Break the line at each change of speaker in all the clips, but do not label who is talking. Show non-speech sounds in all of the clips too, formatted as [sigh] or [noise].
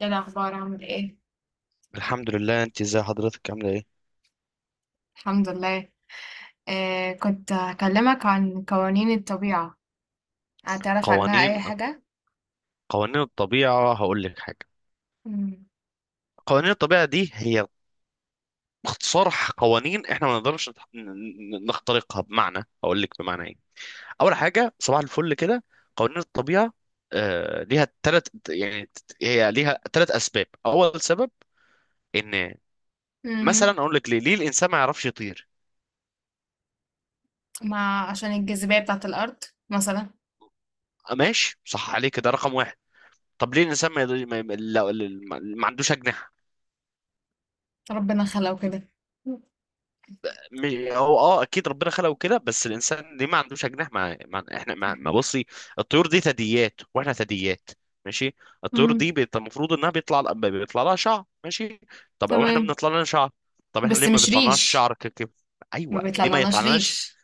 ايه الأخبار عامل ايه؟
الحمد لله. انت ازي حضرتك، عامله ايه؟
الحمد لله. كنت هكلمك عن قوانين الطبيعة. هتعرف عنها
قوانين
أي حاجة؟
قوانين الطبيعه، هقول لك حاجه.
مم.
قوانين الطبيعه دي هي باختصار قوانين احنا ما نقدرش نخترقها. بمعنى، هقول لك بمعنى ايه. اول حاجه، صباح الفل كده. قوانين الطبيعه ليها ثلاث، يعني هي ليها ثلاث اسباب. اول سبب ان، مثلا
مهم.
اقول لك ليه الانسان ما يعرفش يطير؟
ما عشان الجاذبية بتاعة الأرض مثلا.
آه، ماشي، صح عليك، ده رقم واحد. طب ليه الانسان ما, يقدر- ما, ما, لا- ما عندوش اجنحه؟
ربنا خلقه كده.
هو اكيد ربنا خلقه كده، بس الانسان ليه ما عندوش اجنحه؟ مع احنا ما، بصي الطيور دي ثدييات واحنا ثدييات، ماشي. الطيور
مم.
دي المفروض انها بيطلع لها شعر، ماشي. طب واحنا
تمام،
بنطلع لنا شعر. طب احنا
بس
ليه ما
مش
بيطلعناش
ريش.
شعر
ما
ايوه، ليه ما
بيطلعلناش
يطلعناش؟
ريش.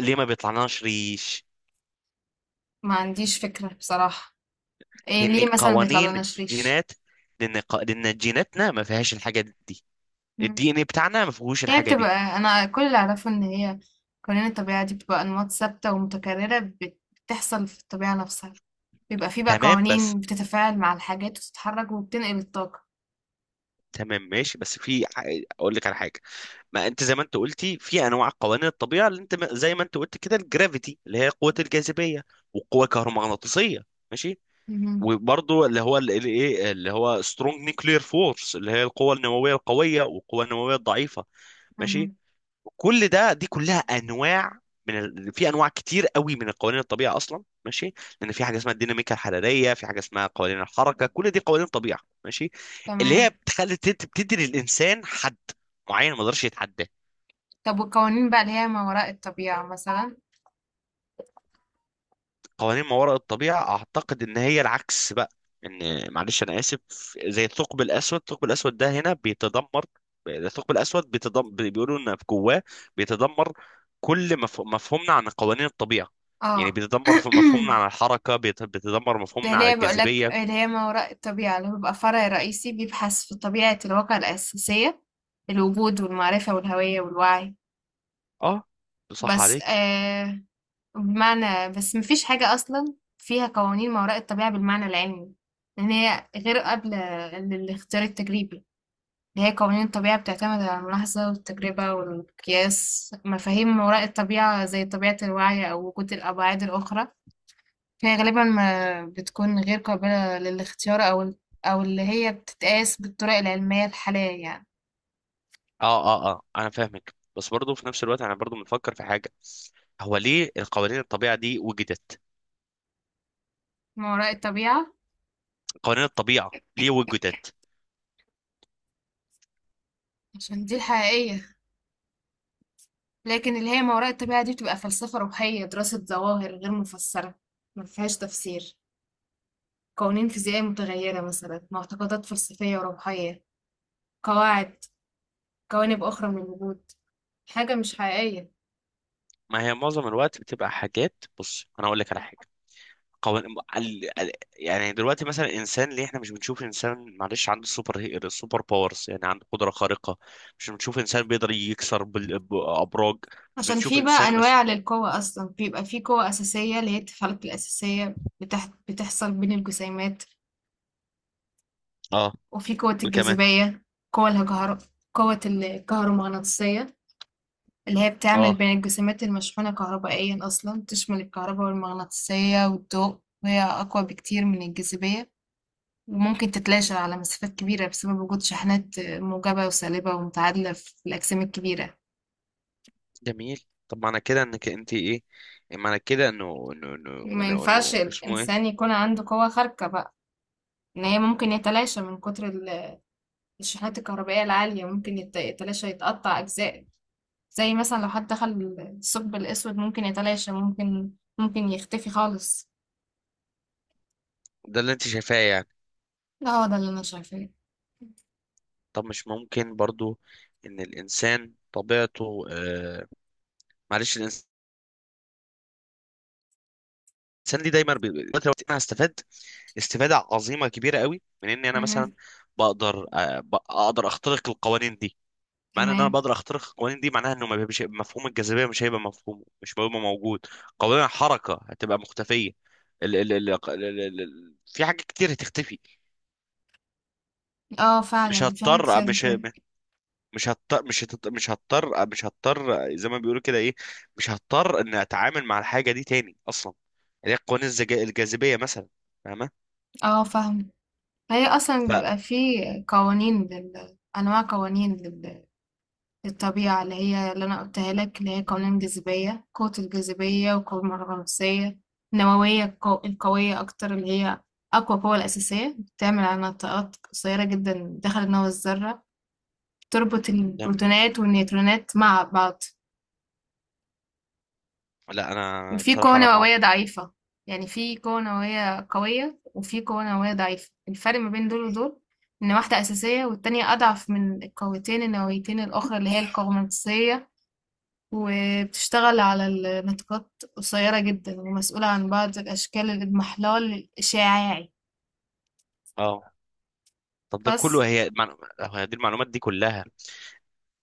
ليه ما بيطلعناش ريش؟
ما عنديش فكرة بصراحة. إيه
لان
ليه مثلا
قوانين
بيطلعلناش ريش؟
الجينات، لان جيناتنا ما فيهاش الحاجه دي. الدي
مم.
ان ايه بتاعنا ما فيهوش
هي
الحاجه دي.
بتبقى، أنا كل اللي أعرفه إن هي قوانين الطبيعة دي بتبقى أنماط ثابتة ومتكررة بتحصل في الطبيعة نفسها. بيبقى فيه بقى
تمام بس
قوانين بتتفاعل مع الحاجات وتتحرك وبتنقل الطاقة.
تمام ماشي، بس اقول لك على حاجه. ما انت زي ما انت قلتي في انواع قوانين الطبيعه، اللي انت زي ما انت قلت كده، الجرافيتي اللي هي قوه الجاذبيه، وقوه كهرومغناطيسيه، ماشي.
مهم.
وبرضه اللي هو ال- ال- ايه اللي هو سترونج نيوكلير فورس، اللي هي القوه النوويه القويه والقوه النوويه الضعيفه، ماشي.
مهم.
كل ده دي كلها انواع في انواع كتير قوي من القوانين الطبيعه اصلا، ماشي. لان في حاجه اسمها الديناميكا الحراريه، في حاجه اسمها قوانين الحركه، كل دي قوانين طبيعه، ماشي. اللي
تمام.
هي بتدي للانسان حد معين ما يقدرش يتعداه.
طب والقوانين بقى اللي هي ما وراء الطبيعة مثلا؟
قوانين ما وراء الطبيعة أعتقد إن هي العكس بقى. معلش، أنا آسف. زي الثقب الأسود، الثقب الأسود ده هنا بيتدمر. الثقب الأسود بيتدمر، بيقولوا إن في جواه بيتدمر. كل مفهومنا عن قوانين الطبيعة،
اه.
يعني بيتدمر
[clears throat]
في مفهومنا عن الحركة، بيتدمر
ده
مفهومنا
اللي
عن
هي بقول لك،
الجاذبية.
اللي هي ما وراء الطبيعة اللي هو بيبقى فرع رئيسي بيبحث في طبيعة الواقع الأساسية، الوجود والمعرفة والهوية والوعي.
أه، صح
بس
عليك.
آه بمعنى، بس مفيش حاجة أصلا فيها قوانين ما وراء الطبيعة بالمعنى العلمي، لأن هي غير قابلة للاختيار التجريبي. اللي هي قوانين الطبيعة بتعتمد على الملاحظة والتجربة والقياس، مفاهيم ما وراء الطبيعة زي طبيعة الوعي أو وجود الأبعاد الأخرى فهي غالبا ما بتكون غير قابلة للاختيار، أو اللي هي بتتقاس بالطرق العلمية الحالية يعني.
أه، أه، أه، أنا فاهمك، بس برضه في نفس الوقت أنا برضه بنفكر في حاجة. هو ليه القوانين الطبيعة دي وجدت؟
ما وراء الطبيعة.
قوانين الطبيعة ليه وجدت؟
عشان دي الحقيقية، لكن اللي هي ما وراء الطبيعة دي بتبقى فلسفة روحية، دراسة ظواهر غير مفسرة، ما فيهاش تفسير، قوانين فيزيائية متغيرة مثلا، معتقدات فلسفية وروحية، قواعد، جوانب أخرى من الوجود، حاجة مش حقيقية.
ما هي معظم الوقت بتبقى حاجات. بص، انا اقول لك على حاجه. قوان... ال... ال... يعني دلوقتي مثلا الانسان، ليه احنا مش بنشوف انسان، معلش، عنده سوبر باورز، يعني عنده قدره خارقه؟ مش بنشوف انسان بيقدر يكسر بابراج. مش
عشان
بنشوف
في بقى
انسان مثلا.
أنواع للقوة أصلا، بيبقى في قوة أساسية اللي هي التفلق الأساسية بتحصل بين الجسيمات.
اه.
وفي قوة
وكمان.
الجاذبية. قوة الهجهر، قوة الكهرومغناطيسية اللي هي بتعمل
اه.
بين الجسيمات المشحونة كهربائيا، أصلا تشمل الكهرباء والمغناطيسية والضوء. وهي أقوى بكتير من الجاذبية، وممكن تتلاشى على مسافات كبيرة بسبب وجود شحنات موجبة وسالبة ومتعادلة في الأجسام الكبيرة.
جميل. طب معنى كده انك انت ايه؟ معنى كده انه انه انه
ما
انه
ينفعش
إنه اسمه ايه؟
الإنسان يكون عنده قوة خارقة بقى. ان هي ممكن يتلاشى من كتر الشحنات الكهربائية العالية، ممكن يتلاشى، يتقطع اجزاء. زي مثلا لو حد دخل الثقب الاسود ممكن يتلاشى، ممكن يختفي خالص.
ده اللي انت شايفاه، يعني.
لا، هو ده اللي انا شايفاه.
طب مش ممكن برضو ان الانسان طبيعته معلش، الانسان، الانسان ليه دايما دلوقتي لو انا هستفاد استفاده عظيمه كبيره قوي من اني انا مثلا
مهم.
اقدر اخترق القوانين دي. معنى ان انا
تمام.
بقدر اخترق القوانين دي معناها انه ما بيبقاش مفهوم الجاذبيه، مش هيبقى موجود. قوانين الحركه هتبقى مختفيه. ال ال ال ال ال ال في حاجات كتير هتختفي.
اه
مش
فعلا في حاجات
هضطر
كتير
مش
كده.
مش هضطر زي ما بيقولوا كده ايه. مش هضطر ان اتعامل مع الحاجه دي تاني اصلا، اللي هي قوانين الجاذبيه مثلا. فاهمه؟
اه فاهم. هي اصلا
ف
بيبقى في انواع قوانين الطبيعة اللي هي اللي أنا قلتها لك، اللي هي قوانين الجاذبية، قوة الجاذبية والقوة الغناطيسية النووية، القوية أكتر اللي هي أقوى قوة الأساسية، بتعمل على نطاقات قصيرة جدا داخل نواة الذرة، تربط البروتونات والنيوترونات مع بعض.
لا انا
وفي قوة
بصراحه انا ما
نووية
اعرف.
ضعيفة. يعني في قوة نووية قوية وفي قوة نووية ضعيفة، الفرق ما بين دول ودول إن واحدة أساسية والتانية أضعف من القوتين النوويتين الأخرى اللي هي القوة الغناطيسية، وبتشتغل على النطاقات قصيرة جدا، ومسؤولة عن بعض أشكال الإضمحلال الإشعاعي.
اه. طب ده
بس.
كله، هي دي المعلومات دي كلها.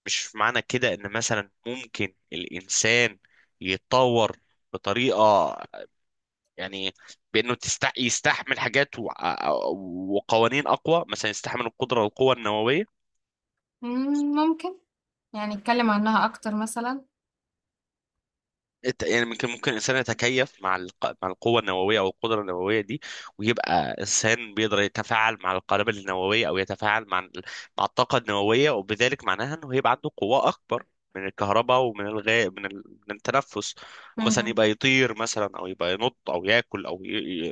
مش معنى كده ان مثلا ممكن الانسان يتطور بطريقه، يعني بانه يستحمل حاجات وقوانين اقوى مثلا، يستحمل القدره والقوه النوويه.
ممكن، يعني نتكلم عنها أكتر مثلا.
يعني ممكن الانسان يتكيف مع القوه النوويه او القدره النوويه دي، ويبقى انسان بيقدر يتفاعل مع القنابل النوويه او يتفاعل مع الطاقه النوويه، وبذلك معناها انه هيبقى عنده قوه اكبر من الكهرباء ومن الغاء من التنفس، ومثلا
مهم.
يبقى يطير مثلا او يبقى ينط او ياكل او ي...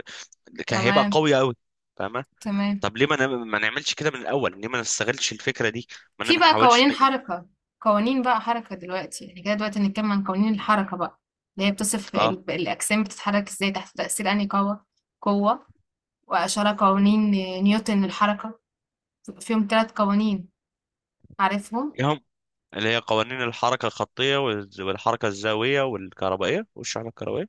ي... كان هيبقى
تمام.
قوي قوي. فاهمه؟
تمام.
طب ليه ما نعملش كده من الاول؟ ليه ما نستغلش الفكره دي؟
في
ما
بقى
نحاولش
قوانين حركة، قوانين بقى حركة دلوقتي، يعني كده دلوقتي نتكلم عن قوانين الحركة بقى اللي هي بتصف الأجسام بتتحرك إزاي تحت تأثير أنهي قوة. قوة وأشار قوانين نيوتن للحركة، بيبقى فيهم ثلاث قوانين، عارفهم.
اه. اللي هي قوانين الحركة الخطية والحركة الزاوية والكهربائية والشعلة الكهربائية.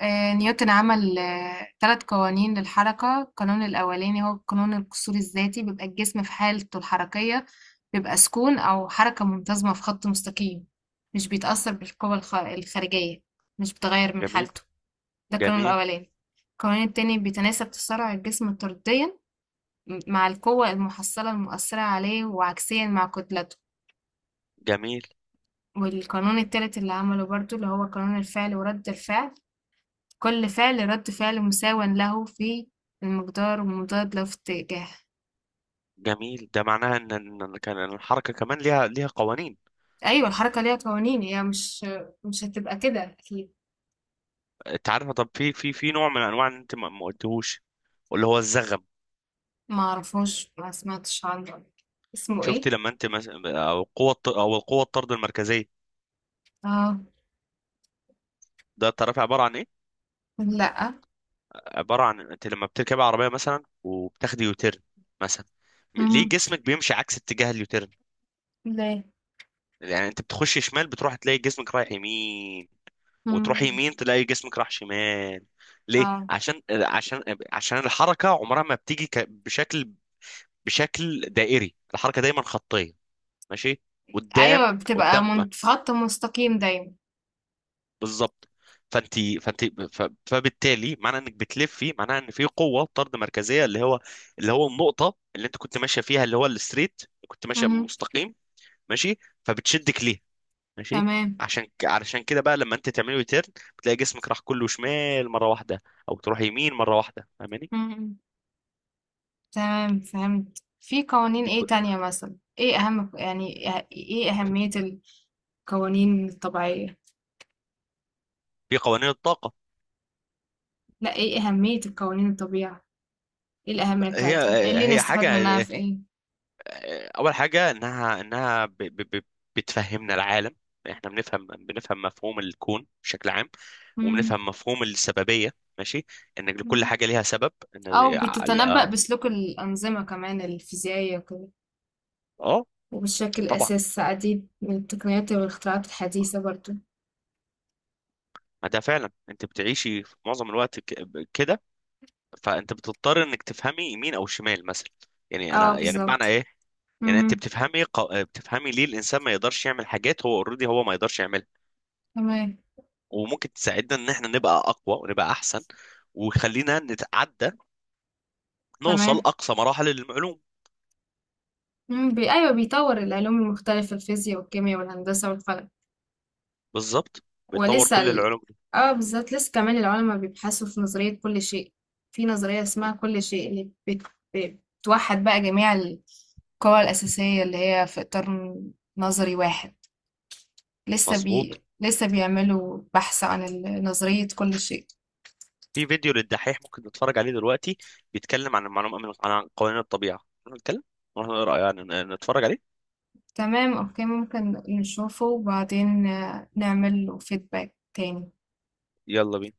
نيوتن عمل ثلاث قوانين للحركة. القانون الأولاني هو قانون القصور الذاتي، بيبقى الجسم في حالته الحركية، بيبقى سكون أو حركة منتظمة في خط مستقيم مش بيتأثر الخارجية، مش بتغير من
جميل.
حالته. ده القانون
جميل.
الأولاني. القانون التاني بيتناسب تسارع الجسم طرديا مع القوة المحصلة المؤثرة عليه، وعكسيا مع كتلته.
جميل.
والقانون التالت اللي عمله برضو اللي هو قانون الفعل ورد الفعل، كل فعل رد فعل مساو له في المقدار ومضاد له في اتجاه.
جميل، ده معناها ان إن الحركة كمان ليها قوانين.
ايوه الحركه ليها قوانين، هي مش هتبقى كده اكيد.
انت عارفة؟ طب في في نوع من انواع ان انت ما قلتهوش، واللي هو الزغم.
ما اعرفوش، ما سمعتش عنه، اسمه
شفتي
ايه؟
لما انت مس... او القوة الط- او القوة الطرد المركزية،
اه.
ده تعرفي عبارة عن ايه؟
لا.
عبارة عن انت لما بتركبي عربية مثلا وبتاخدي يوتيرن مثلا، ليه
مم.
جسمك بيمشي عكس اتجاه اليوتيرن؟
لا.
يعني انت بتخش شمال بتروح تلاقي جسمك رايح يمين، وتروح
مم.
يمين تلاقي جسمك راح شمال. ليه؟
اه.
عشان الحركه عمرها ما بتيجي بشكل دائري. الحركه دايما خطيه، ماشي،
ايوه
قدام
بتبقى
قدام.
في خط مستقيم دايما.
بالظبط. فانت فانت فبالتالي معنى انك بتلفي معناها ان في قوه طرد مركزيه، اللي هو النقطه اللي انت كنت ماشيه فيها اللي هو الستريت، كنت ماشيه
مم.
مستقيم، ماشي. فبتشدك ليها، ماشي.
تمام.
علشان كده بقى لما انت تعمله يترن، بتلاقي جسمك راح كله شمال مره واحده، او تروح يمين مره واحده. فاهماني؟
مم. تمام فهمت. في قوانين
دي
ايه
كل
تانية مثلا؟ ايه اهم يعني؟ ايه اهمية القوانين الطبيعية؟
دي قوانين الطاقه.
لا، ايه أهمية القوانين الطبيعة؟ ايه الأهمية
هي
بتاعتها؟ ايه اللي
هي
نستفاد منها
حاجه،
في ايه؟
اول حاجه انها، بتفهمنا العالم. احنا بنفهم مفهوم الكون بشكل عام،
مم.
وبنفهم مفهوم السببيه، ماشي، ان لكل
مم.
حاجه ليها سبب.
أو بتتنبأ بسلوك الأنظمة كمان الفيزيائية وكده.
اه.
وبتشكل
طبعا.
أساس عديد من التقنيات والاختراعات الحديثة برضو.
ما ده فعلا، انت بتعيشي في معظم الوقت كده. فانت بتضطر انك تفهمي يمين او شمال مثلا. يعني
اه
انا، يعني بمعنى
بالظبط.
ايه؟ يعني انت
مهم.
بتفهمي ليه الانسان ما يقدرش يعمل حاجات هو اوريدي هو ما يقدرش يعملها.
تمام.
وممكن تساعدنا ان احنا نبقى اقوى ونبقى احسن، ويخلينا نتعدى، نوصل
تمام.
اقصى مراحل المعلوم.
مم. أيوه بيطور العلوم المختلفة، الفيزياء والكيمياء والهندسة والفلك.
بالظبط. بيتطور
ولسه
كل
ال...
العلوم.
اه بالظبط لسه كمان العلماء بيبحثوا في نظرية كل شيء. في نظرية اسمها كل شيء اللي بتوحد بقى جميع القوى الأساسية اللي هي في إطار نظري واحد.
مظبوط.
لسه بيعملوا بحث عن نظرية كل شيء.
في فيديو للدحيح، ممكن نتفرج عليه دلوقتي، بيتكلم عن المعلومه عن قوانين الطبيعه. نروح نتكلم، نروح نقرا يعني، نتفرج عليه.
تمام أوكي، ممكن نشوفه وبعدين نعمل له فيدباك تاني.
يلا بينا.